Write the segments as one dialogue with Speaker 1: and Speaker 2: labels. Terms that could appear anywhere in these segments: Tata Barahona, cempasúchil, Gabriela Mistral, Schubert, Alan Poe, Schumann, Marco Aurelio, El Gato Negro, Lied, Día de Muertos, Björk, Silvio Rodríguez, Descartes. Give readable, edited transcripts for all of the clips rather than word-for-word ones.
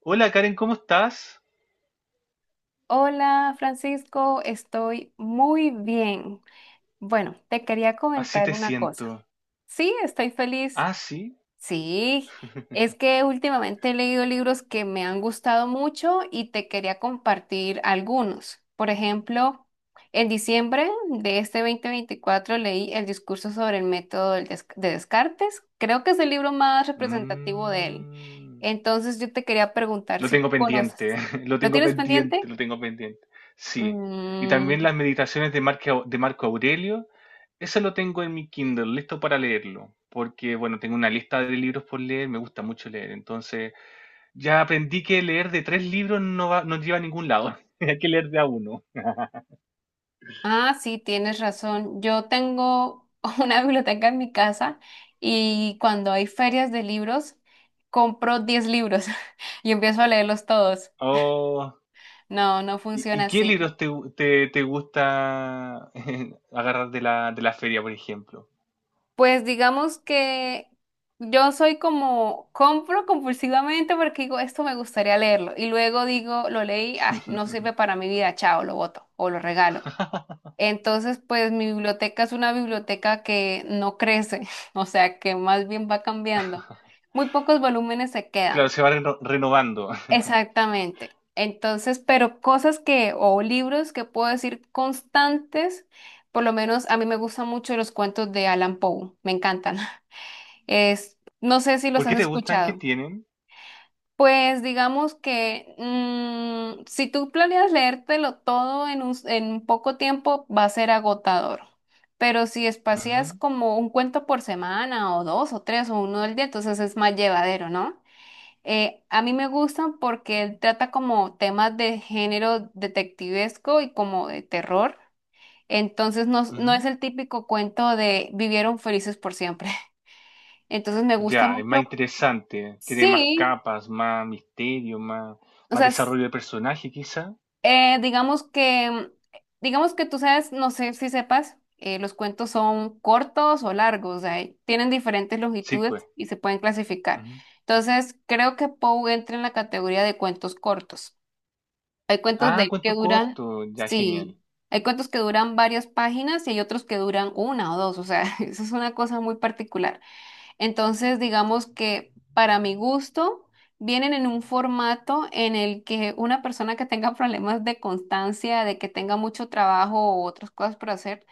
Speaker 1: Hola Karen, ¿cómo estás?
Speaker 2: Hola Francisco, estoy muy bien. Bueno, te quería
Speaker 1: Así
Speaker 2: comentar
Speaker 1: te
Speaker 2: una cosa.
Speaker 1: siento.
Speaker 2: Sí, estoy feliz.
Speaker 1: Ah, sí.
Speaker 2: Sí, es que últimamente he leído libros que me han gustado mucho y te quería compartir algunos. Por ejemplo, en diciembre de este 2024 leí El discurso sobre el método de Descartes. Creo que es el libro más representativo de él.
Speaker 1: Mm,
Speaker 2: Entonces yo te quería preguntar
Speaker 1: lo
Speaker 2: si
Speaker 1: tengo pendiente,
Speaker 2: conoces.
Speaker 1: lo
Speaker 2: ¿Lo
Speaker 1: tengo
Speaker 2: tienes
Speaker 1: pendiente,
Speaker 2: pendiente?
Speaker 1: lo tengo pendiente. Sí. Y también
Speaker 2: Mm,
Speaker 1: las meditaciones de Marco Aurelio. Eso lo tengo en mi Kindle, listo para leerlo. Porque, bueno, tengo una lista de libros por leer, me gusta mucho leer. Entonces, ya aprendí que leer de tres libros no va, no lleva a ningún lado. Hay que leer de a uno.
Speaker 2: ah, sí, tienes razón. Yo tengo una biblioteca en mi casa y cuando hay ferias de libros, compro 10 libros y empiezo a leerlos todos.
Speaker 1: Oh.
Speaker 2: No, no
Speaker 1: ¿Y,
Speaker 2: funciona
Speaker 1: qué
Speaker 2: así.
Speaker 1: libros te, te gusta agarrar de la feria, por ejemplo?
Speaker 2: Pues digamos que yo soy como, compro compulsivamente porque digo, esto me gustaría leerlo. Y luego digo, lo leí, ay, no sirve para mi vida, chao, lo boto o lo regalo. Entonces, pues mi biblioteca es una biblioteca que no crece, o sea, que más bien va cambiando. Muy pocos volúmenes se
Speaker 1: Claro,
Speaker 2: quedan.
Speaker 1: se va renovando.
Speaker 2: Exactamente. Entonces, pero cosas que, o libros que puedo decir constantes, por lo menos a mí me gustan mucho los cuentos de Alan Poe, me encantan. Es, no sé si los
Speaker 1: ¿Por
Speaker 2: has
Speaker 1: qué te gustan? ¿Qué
Speaker 2: escuchado.
Speaker 1: tienen?
Speaker 2: Pues digamos que si tú planeas leértelo todo en poco tiempo va a ser agotador, pero si espacias
Speaker 1: Ujú,
Speaker 2: como un cuento por semana o dos o tres o uno al día, entonces es más llevadero, ¿no? A mí me gustan porque trata como temas de género detectivesco y como de terror, entonces no, no
Speaker 1: ujú.
Speaker 2: es el típico cuento de vivieron felices por siempre, entonces me gusta
Speaker 1: Ya, es más
Speaker 2: mucho,
Speaker 1: interesante. Tiene más
Speaker 2: sí.
Speaker 1: capas, más misterio, más,
Speaker 2: O
Speaker 1: más
Speaker 2: sea,
Speaker 1: desarrollo de personaje, quizá.
Speaker 2: Eh, digamos que, digamos que tú sabes, no sé si sepas, los cuentos son cortos o largos, o sea, tienen diferentes
Speaker 1: Sí, pues.
Speaker 2: longitudes y se pueden clasificar.
Speaker 1: Ujú.
Speaker 2: Entonces, creo que Poe entra en la categoría de cuentos cortos. Hay cuentos
Speaker 1: Ah,
Speaker 2: de que
Speaker 1: cuento
Speaker 2: duran.
Speaker 1: corto. Ya, genial.
Speaker 2: Sí, hay cuentos que duran varias páginas y hay otros que duran una o dos, o sea, eso es una cosa muy particular. Entonces, digamos que para mi gusto, vienen en un formato en el que una persona que tenga problemas de constancia, de que tenga mucho trabajo o otras cosas por hacer,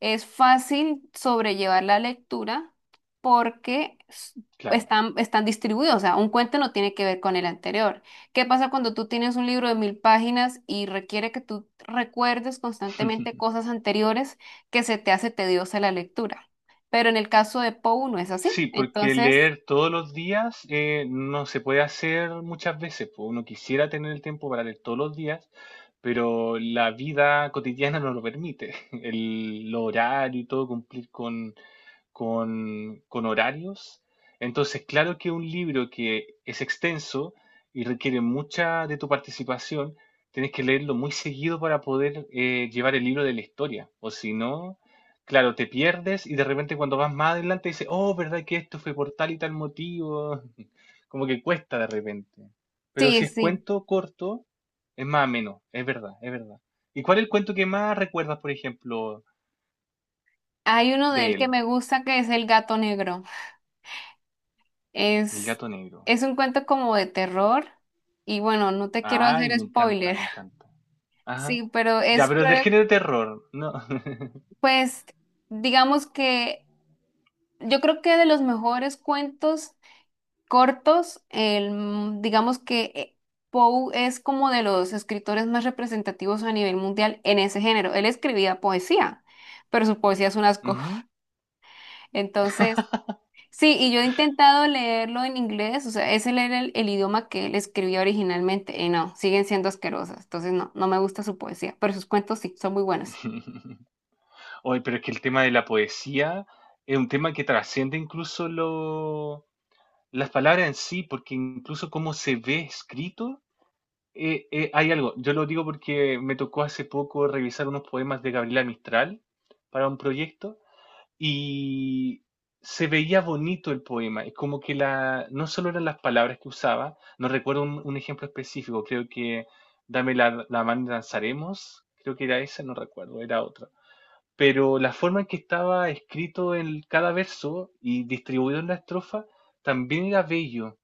Speaker 2: es fácil sobrellevar la lectura porque
Speaker 1: Claro.
Speaker 2: están distribuidos. O sea, un cuento no tiene que ver con el anterior. ¿Qué pasa cuando tú tienes un libro de 1.000 páginas y requiere que tú recuerdes constantemente cosas anteriores que se te hace tediosa la lectura? Pero en el caso de Pou no es así.
Speaker 1: Sí, porque
Speaker 2: Entonces,
Speaker 1: leer todos los días no se puede hacer muchas veces. Pues, uno quisiera tener el tiempo para leer todos los días, pero la vida cotidiana no lo permite. El, lo horario y todo, cumplir con, con horarios. Entonces, claro que un libro que es extenso y requiere mucha de tu participación, tienes que leerlo muy seguido para poder llevar el libro de la historia. O si no, claro, te pierdes y de repente cuando vas más adelante dices, oh, ¿verdad que esto fue por tal y tal motivo? Como que cuesta de repente. Pero
Speaker 2: sí,
Speaker 1: si es
Speaker 2: sí.
Speaker 1: cuento corto, es más ameno, es verdad, es verdad. ¿Y cuál es el cuento que más recuerdas, por ejemplo,
Speaker 2: Hay uno de
Speaker 1: de
Speaker 2: él que
Speaker 1: él?
Speaker 2: me gusta que es El Gato Negro.
Speaker 1: El
Speaker 2: Es,
Speaker 1: gato negro.
Speaker 2: es un cuento como de terror y bueno, no te quiero
Speaker 1: Ay,
Speaker 2: hacer
Speaker 1: me encanta,
Speaker 2: spoiler.
Speaker 1: me encanta. Ajá.
Speaker 2: Sí, pero
Speaker 1: Ya, pero es del género de terror, ¿no?
Speaker 2: pues, digamos que yo creo que de los mejores cuentos cortos, digamos que Poe es como de los escritores más representativos a nivel mundial en ese género. Él escribía poesía, pero su poesía es un asco.
Speaker 1: Ujú.
Speaker 2: Entonces, sí, y yo he intentado leerlo en inglés, o sea, ese era el idioma que él escribía originalmente, y no, siguen siendo asquerosas, entonces no, no me gusta su poesía, pero sus cuentos sí, son muy buenos.
Speaker 1: Oye, pero es que el tema de la poesía es un tema que trasciende incluso lo las palabras en sí, porque incluso cómo se ve escrito, hay algo. Yo lo digo porque me tocó hace poco revisar unos poemas de Gabriela Mistral para un proyecto y se veía bonito el poema. Es como que la, no solo eran las palabras que usaba, no recuerdo un ejemplo específico, creo que Dame la mano y danzaremos, creo que era esa, no recuerdo, era otra. Pero la forma en que estaba escrito en cada verso y distribuido en la estrofa también era bello,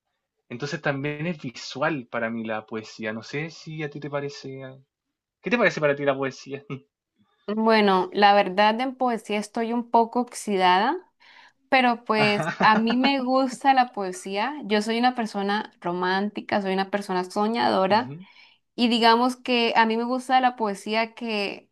Speaker 1: entonces también es visual para mí la poesía. No sé si a ti te parece... ah, ¿qué te parece para ti la poesía?
Speaker 2: Bueno, la verdad en poesía estoy un poco oxidada, pero pues a
Speaker 1: Ajá.
Speaker 2: mí me gusta la poesía, yo soy una persona romántica, soy una persona soñadora,
Speaker 1: Ujú,
Speaker 2: y digamos que a mí me gusta la poesía que,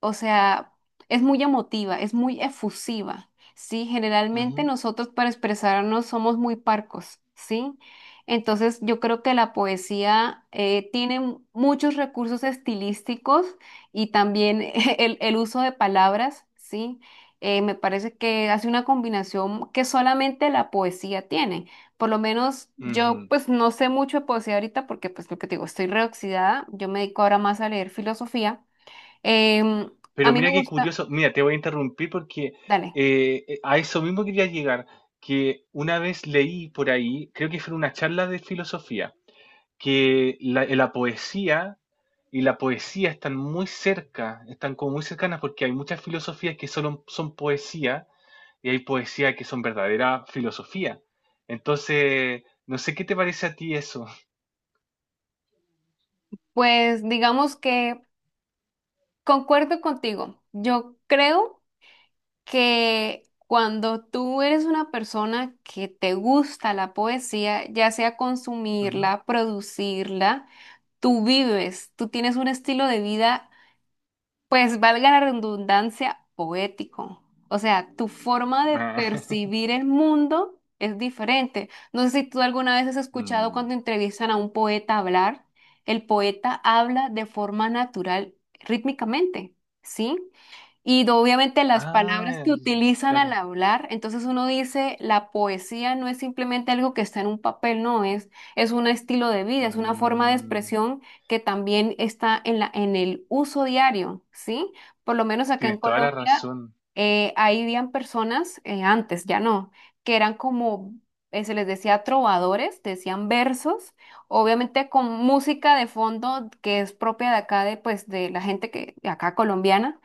Speaker 2: o sea, es muy emotiva, es muy efusiva, ¿sí? Generalmente
Speaker 1: ujú,
Speaker 2: nosotros para expresarnos somos muy parcos, ¿sí? Entonces yo creo que la poesía, tiene muchos recursos estilísticos y también el uso de palabras, ¿sí? Me parece que hace una combinación que solamente la poesía tiene. Por lo menos yo,
Speaker 1: ujú.
Speaker 2: pues no sé mucho de poesía ahorita porque pues lo que te digo, estoy reoxidada, yo me dedico ahora más a leer filosofía. Em, a
Speaker 1: Pero
Speaker 2: mí me
Speaker 1: mira qué
Speaker 2: gusta,
Speaker 1: curioso. Mira, te voy a interrumpir porque
Speaker 2: dale,
Speaker 1: a eso mismo quería llegar, que una vez leí por ahí, creo que fue en una charla de filosofía, que la, la poesía y la poesía están muy cerca, están como muy cercanas porque hay muchas filosofías que solo son poesía y hay poesía que son verdadera filosofía. Entonces, no sé qué te parece a ti eso.
Speaker 2: pues digamos que concuerdo contigo. Yo creo que cuando tú eres una persona que te gusta la poesía, ya sea
Speaker 1: Ujú.
Speaker 2: consumirla, producirla, tú vives, tú tienes un estilo de vida, pues valga la redundancia, poético. O sea, tu forma de
Speaker 1: Ah,
Speaker 2: percibir el mundo es diferente. No sé si tú alguna vez has escuchado
Speaker 1: mm.
Speaker 2: cuando entrevistan a un poeta hablar, el poeta habla de forma natural, rítmicamente, ¿sí? Y obviamente las palabras
Speaker 1: Ah,
Speaker 2: que utilizan al
Speaker 1: claro.
Speaker 2: hablar, entonces uno dice, la poesía no es simplemente algo que está en un papel, no, es un estilo de vida, es una forma de
Speaker 1: Mm,
Speaker 2: expresión que también está en el uso diario, ¿sí? Por lo menos acá en
Speaker 1: tienes toda la
Speaker 2: Colombia,
Speaker 1: razón.
Speaker 2: ahí habían personas, antes ya no, que eran como, se les decía trovadores, decían versos, obviamente con música de fondo que es propia de acá, de, pues, de la gente que, de acá colombiana.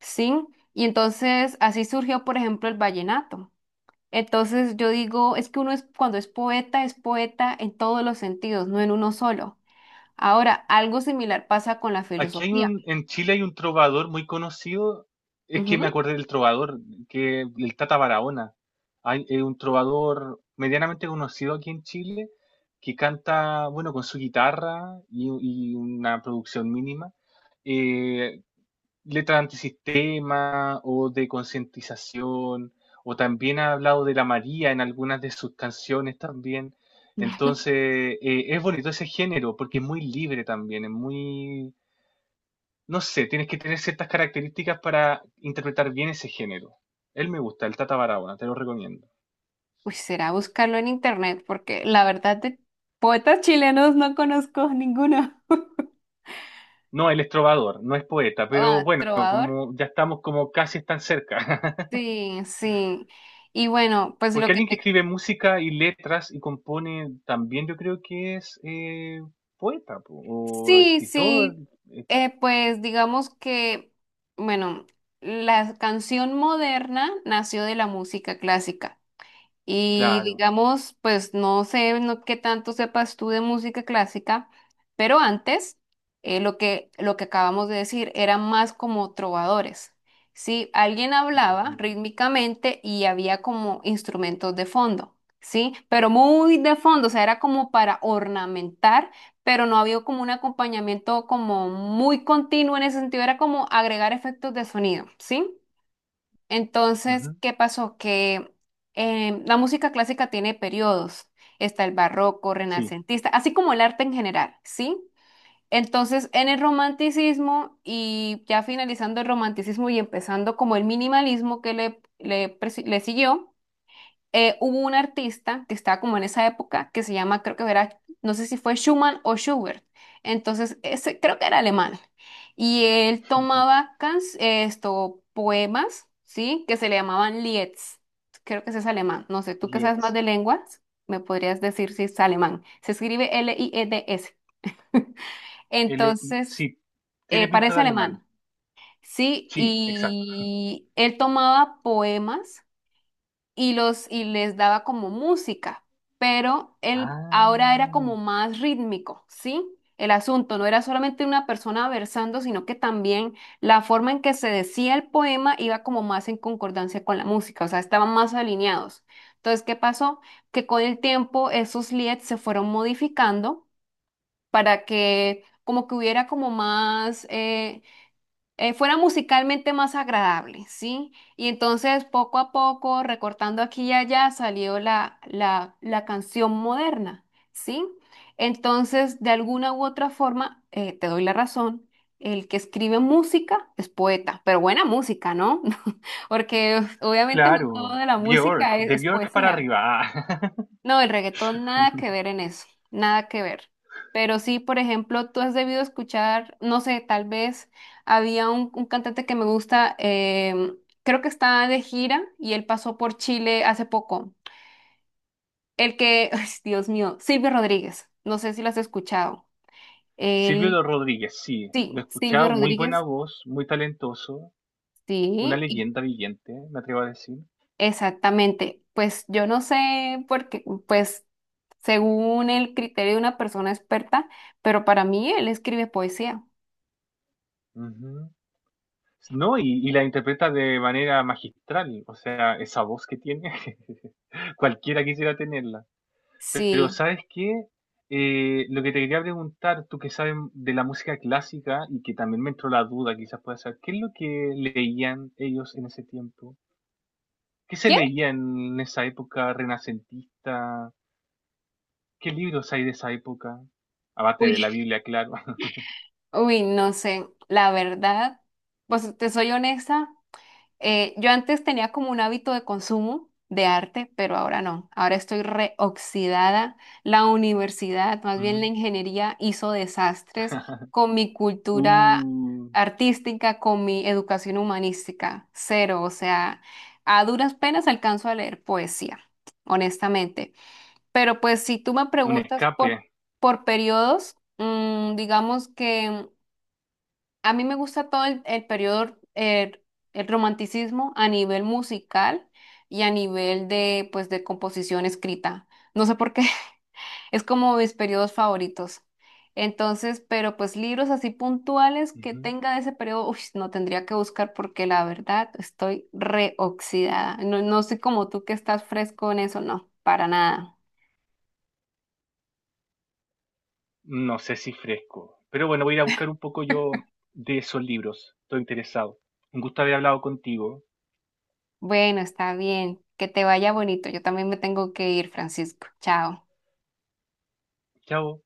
Speaker 2: Sí, y entonces así surgió, por ejemplo, el vallenato. Entonces yo digo, es que uno es, cuando es poeta en todos los sentidos, no en uno solo. Ahora, algo similar pasa con la
Speaker 1: Aquí hay
Speaker 2: filosofía.
Speaker 1: un, en Chile hay un trovador muy conocido. Es que me
Speaker 2: Ujú.
Speaker 1: acordé del trovador, que el Tata Barahona. Hay un trovador medianamente conocido aquí en Chile que canta, bueno, con su guitarra y una producción mínima. eh, Letras antisistema o de concientización, o también ha hablado de la María en algunas de sus canciones también. Entonces, es bonito ese género porque es muy libre también, es muy, no sé, tienes que tener ciertas características para interpretar bien ese género. Él me gusta, el Tata Barahona, te lo recomiendo.
Speaker 2: Pues será buscarlo en internet, porque la verdad de poetas chilenos no conozco ninguno.
Speaker 1: No, él es trovador, no es poeta, pero
Speaker 2: Ah,
Speaker 1: bueno,
Speaker 2: trovador.
Speaker 1: como ya estamos como casi tan cerca.
Speaker 2: Sí, sí. Y bueno, pues lo
Speaker 1: Porque
Speaker 2: que
Speaker 1: alguien que
Speaker 2: te.
Speaker 1: escribe música y letras y compone también yo creo que es poeta po, o
Speaker 2: Sí,
Speaker 1: escritor,
Speaker 2: sí,
Speaker 1: eh,
Speaker 2: pues digamos que, bueno, la canción moderna nació de la música clásica. Y
Speaker 1: claro.
Speaker 2: digamos, pues no sé no, qué tanto sepas tú de música clásica, pero antes, lo que acabamos de decir eran más como trovadores. Sí, alguien hablaba
Speaker 1: Ujú,
Speaker 2: rítmicamente y había como instrumentos de fondo, sí, pero muy de fondo, o sea, era como para ornamentar, pero no había como un acompañamiento como muy continuo en ese sentido, era como agregar efectos de sonido, ¿sí? Entonces,
Speaker 1: ujú.
Speaker 2: ¿qué pasó? Que la música clásica tiene periodos. Está el barroco,
Speaker 1: Sí,
Speaker 2: renacentista, así como el arte en general, ¿sí? Entonces, en el romanticismo y ya finalizando el romanticismo y empezando como el minimalismo que le siguió, hubo un artista que estaba como en esa época que se llama, creo que era, no sé si fue Schumann o Schubert. Entonces, ese creo que era alemán. Y él tomaba poemas, ¿sí? Que se le llamaban Lieds. Creo que ese es alemán. No sé, tú que sabes más
Speaker 1: Lietz.
Speaker 2: de lenguas, me podrías decir si es alemán. Se escribe LIEDS.
Speaker 1: L I-
Speaker 2: Entonces,
Speaker 1: sí, tiene pinta de
Speaker 2: parece
Speaker 1: alemán.
Speaker 2: alemán, ¿sí?
Speaker 1: Sí, exacto.
Speaker 2: Y él tomaba poemas y les daba como música, pero él ahora era como
Speaker 1: Ah,
Speaker 2: más rítmico, ¿sí? El asunto no era solamente una persona versando, sino que también la forma en que se decía el poema iba como más en concordancia con la música, o sea, estaban más alineados. Entonces, ¿qué pasó? Que con el tiempo esos lieds se fueron modificando para que como que hubiera como más, fuera musicalmente más agradable, ¿sí? Y entonces poco a poco, recortando aquí y allá, salió la canción moderna, ¿sí? Entonces, de alguna u otra forma, te doy la razón, el que escribe música es poeta, pero buena música, ¿no? Porque obviamente no todo
Speaker 1: claro.
Speaker 2: de la música
Speaker 1: Björk,
Speaker 2: es
Speaker 1: de
Speaker 2: es
Speaker 1: Björk para
Speaker 2: poesía.
Speaker 1: arriba. Ah.
Speaker 2: No, el reggaetón nada que ver en eso, nada que ver. Pero sí, por ejemplo, tú has debido escuchar, no sé, tal vez había un cantante que me gusta, creo que está de gira y él pasó por Chile hace poco. El que, ay, Dios mío, Silvio Rodríguez, no sé si lo has escuchado. Él,
Speaker 1: Silvio Rodríguez, sí,
Speaker 2: sí,
Speaker 1: lo he
Speaker 2: Silvio
Speaker 1: escuchado, muy buena
Speaker 2: Rodríguez,
Speaker 1: voz, muy talentoso, una
Speaker 2: sí,
Speaker 1: leyenda viviente, me atrevo a decir.
Speaker 2: exactamente. Pues yo no sé, porque, pues, según el criterio de una persona experta, pero para mí él escribe poesía.
Speaker 1: Ujú. No, y la interpreta de manera magistral, o sea, esa voz que tiene, cualquiera quisiera tenerla. Pero
Speaker 2: Sí.
Speaker 1: ¿sabes qué? Lo que te quería preguntar, tú que sabes de la música clásica y que también me entró la duda, quizás puedas saber, ¿qué es lo que leían ellos en ese tiempo? ¿Qué se
Speaker 2: ¿Quién?
Speaker 1: leía en esa época renacentista? ¿Qué libros hay de esa época? Aparte de
Speaker 2: Uy,
Speaker 1: la Biblia, claro.
Speaker 2: uy, no sé, la verdad, pues te soy honesta, yo antes tenía como un hábito de consumo de arte, pero ahora no, ahora estoy reoxidada. La universidad, más bien la
Speaker 1: Ujú.
Speaker 2: ingeniería, hizo desastres con mi cultura
Speaker 1: Uh,
Speaker 2: artística, con mi educación humanística, cero, o sea, a duras penas alcanzo a leer poesía, honestamente. Pero pues si tú me
Speaker 1: un
Speaker 2: preguntas
Speaker 1: escape.
Speaker 2: por periodos, digamos que a mí me gusta todo el periodo, romanticismo a nivel musical y a nivel de, pues, de composición escrita. No sé por qué, es como mis periodos favoritos. Entonces, pero pues libros así puntuales que
Speaker 1: Ujú.
Speaker 2: tenga de ese periodo, uy, no tendría que buscar porque la verdad estoy reoxidada. No, no soy como tú que estás fresco en eso, no, para nada.
Speaker 1: No sé si fresco, pero bueno, voy a ir a buscar un poco yo de esos libros. Estoy interesado. Un gusto haber hablado contigo.
Speaker 2: Bueno, está bien. Que te vaya bonito. Yo también me tengo que ir, Francisco. Chao.
Speaker 1: Chao.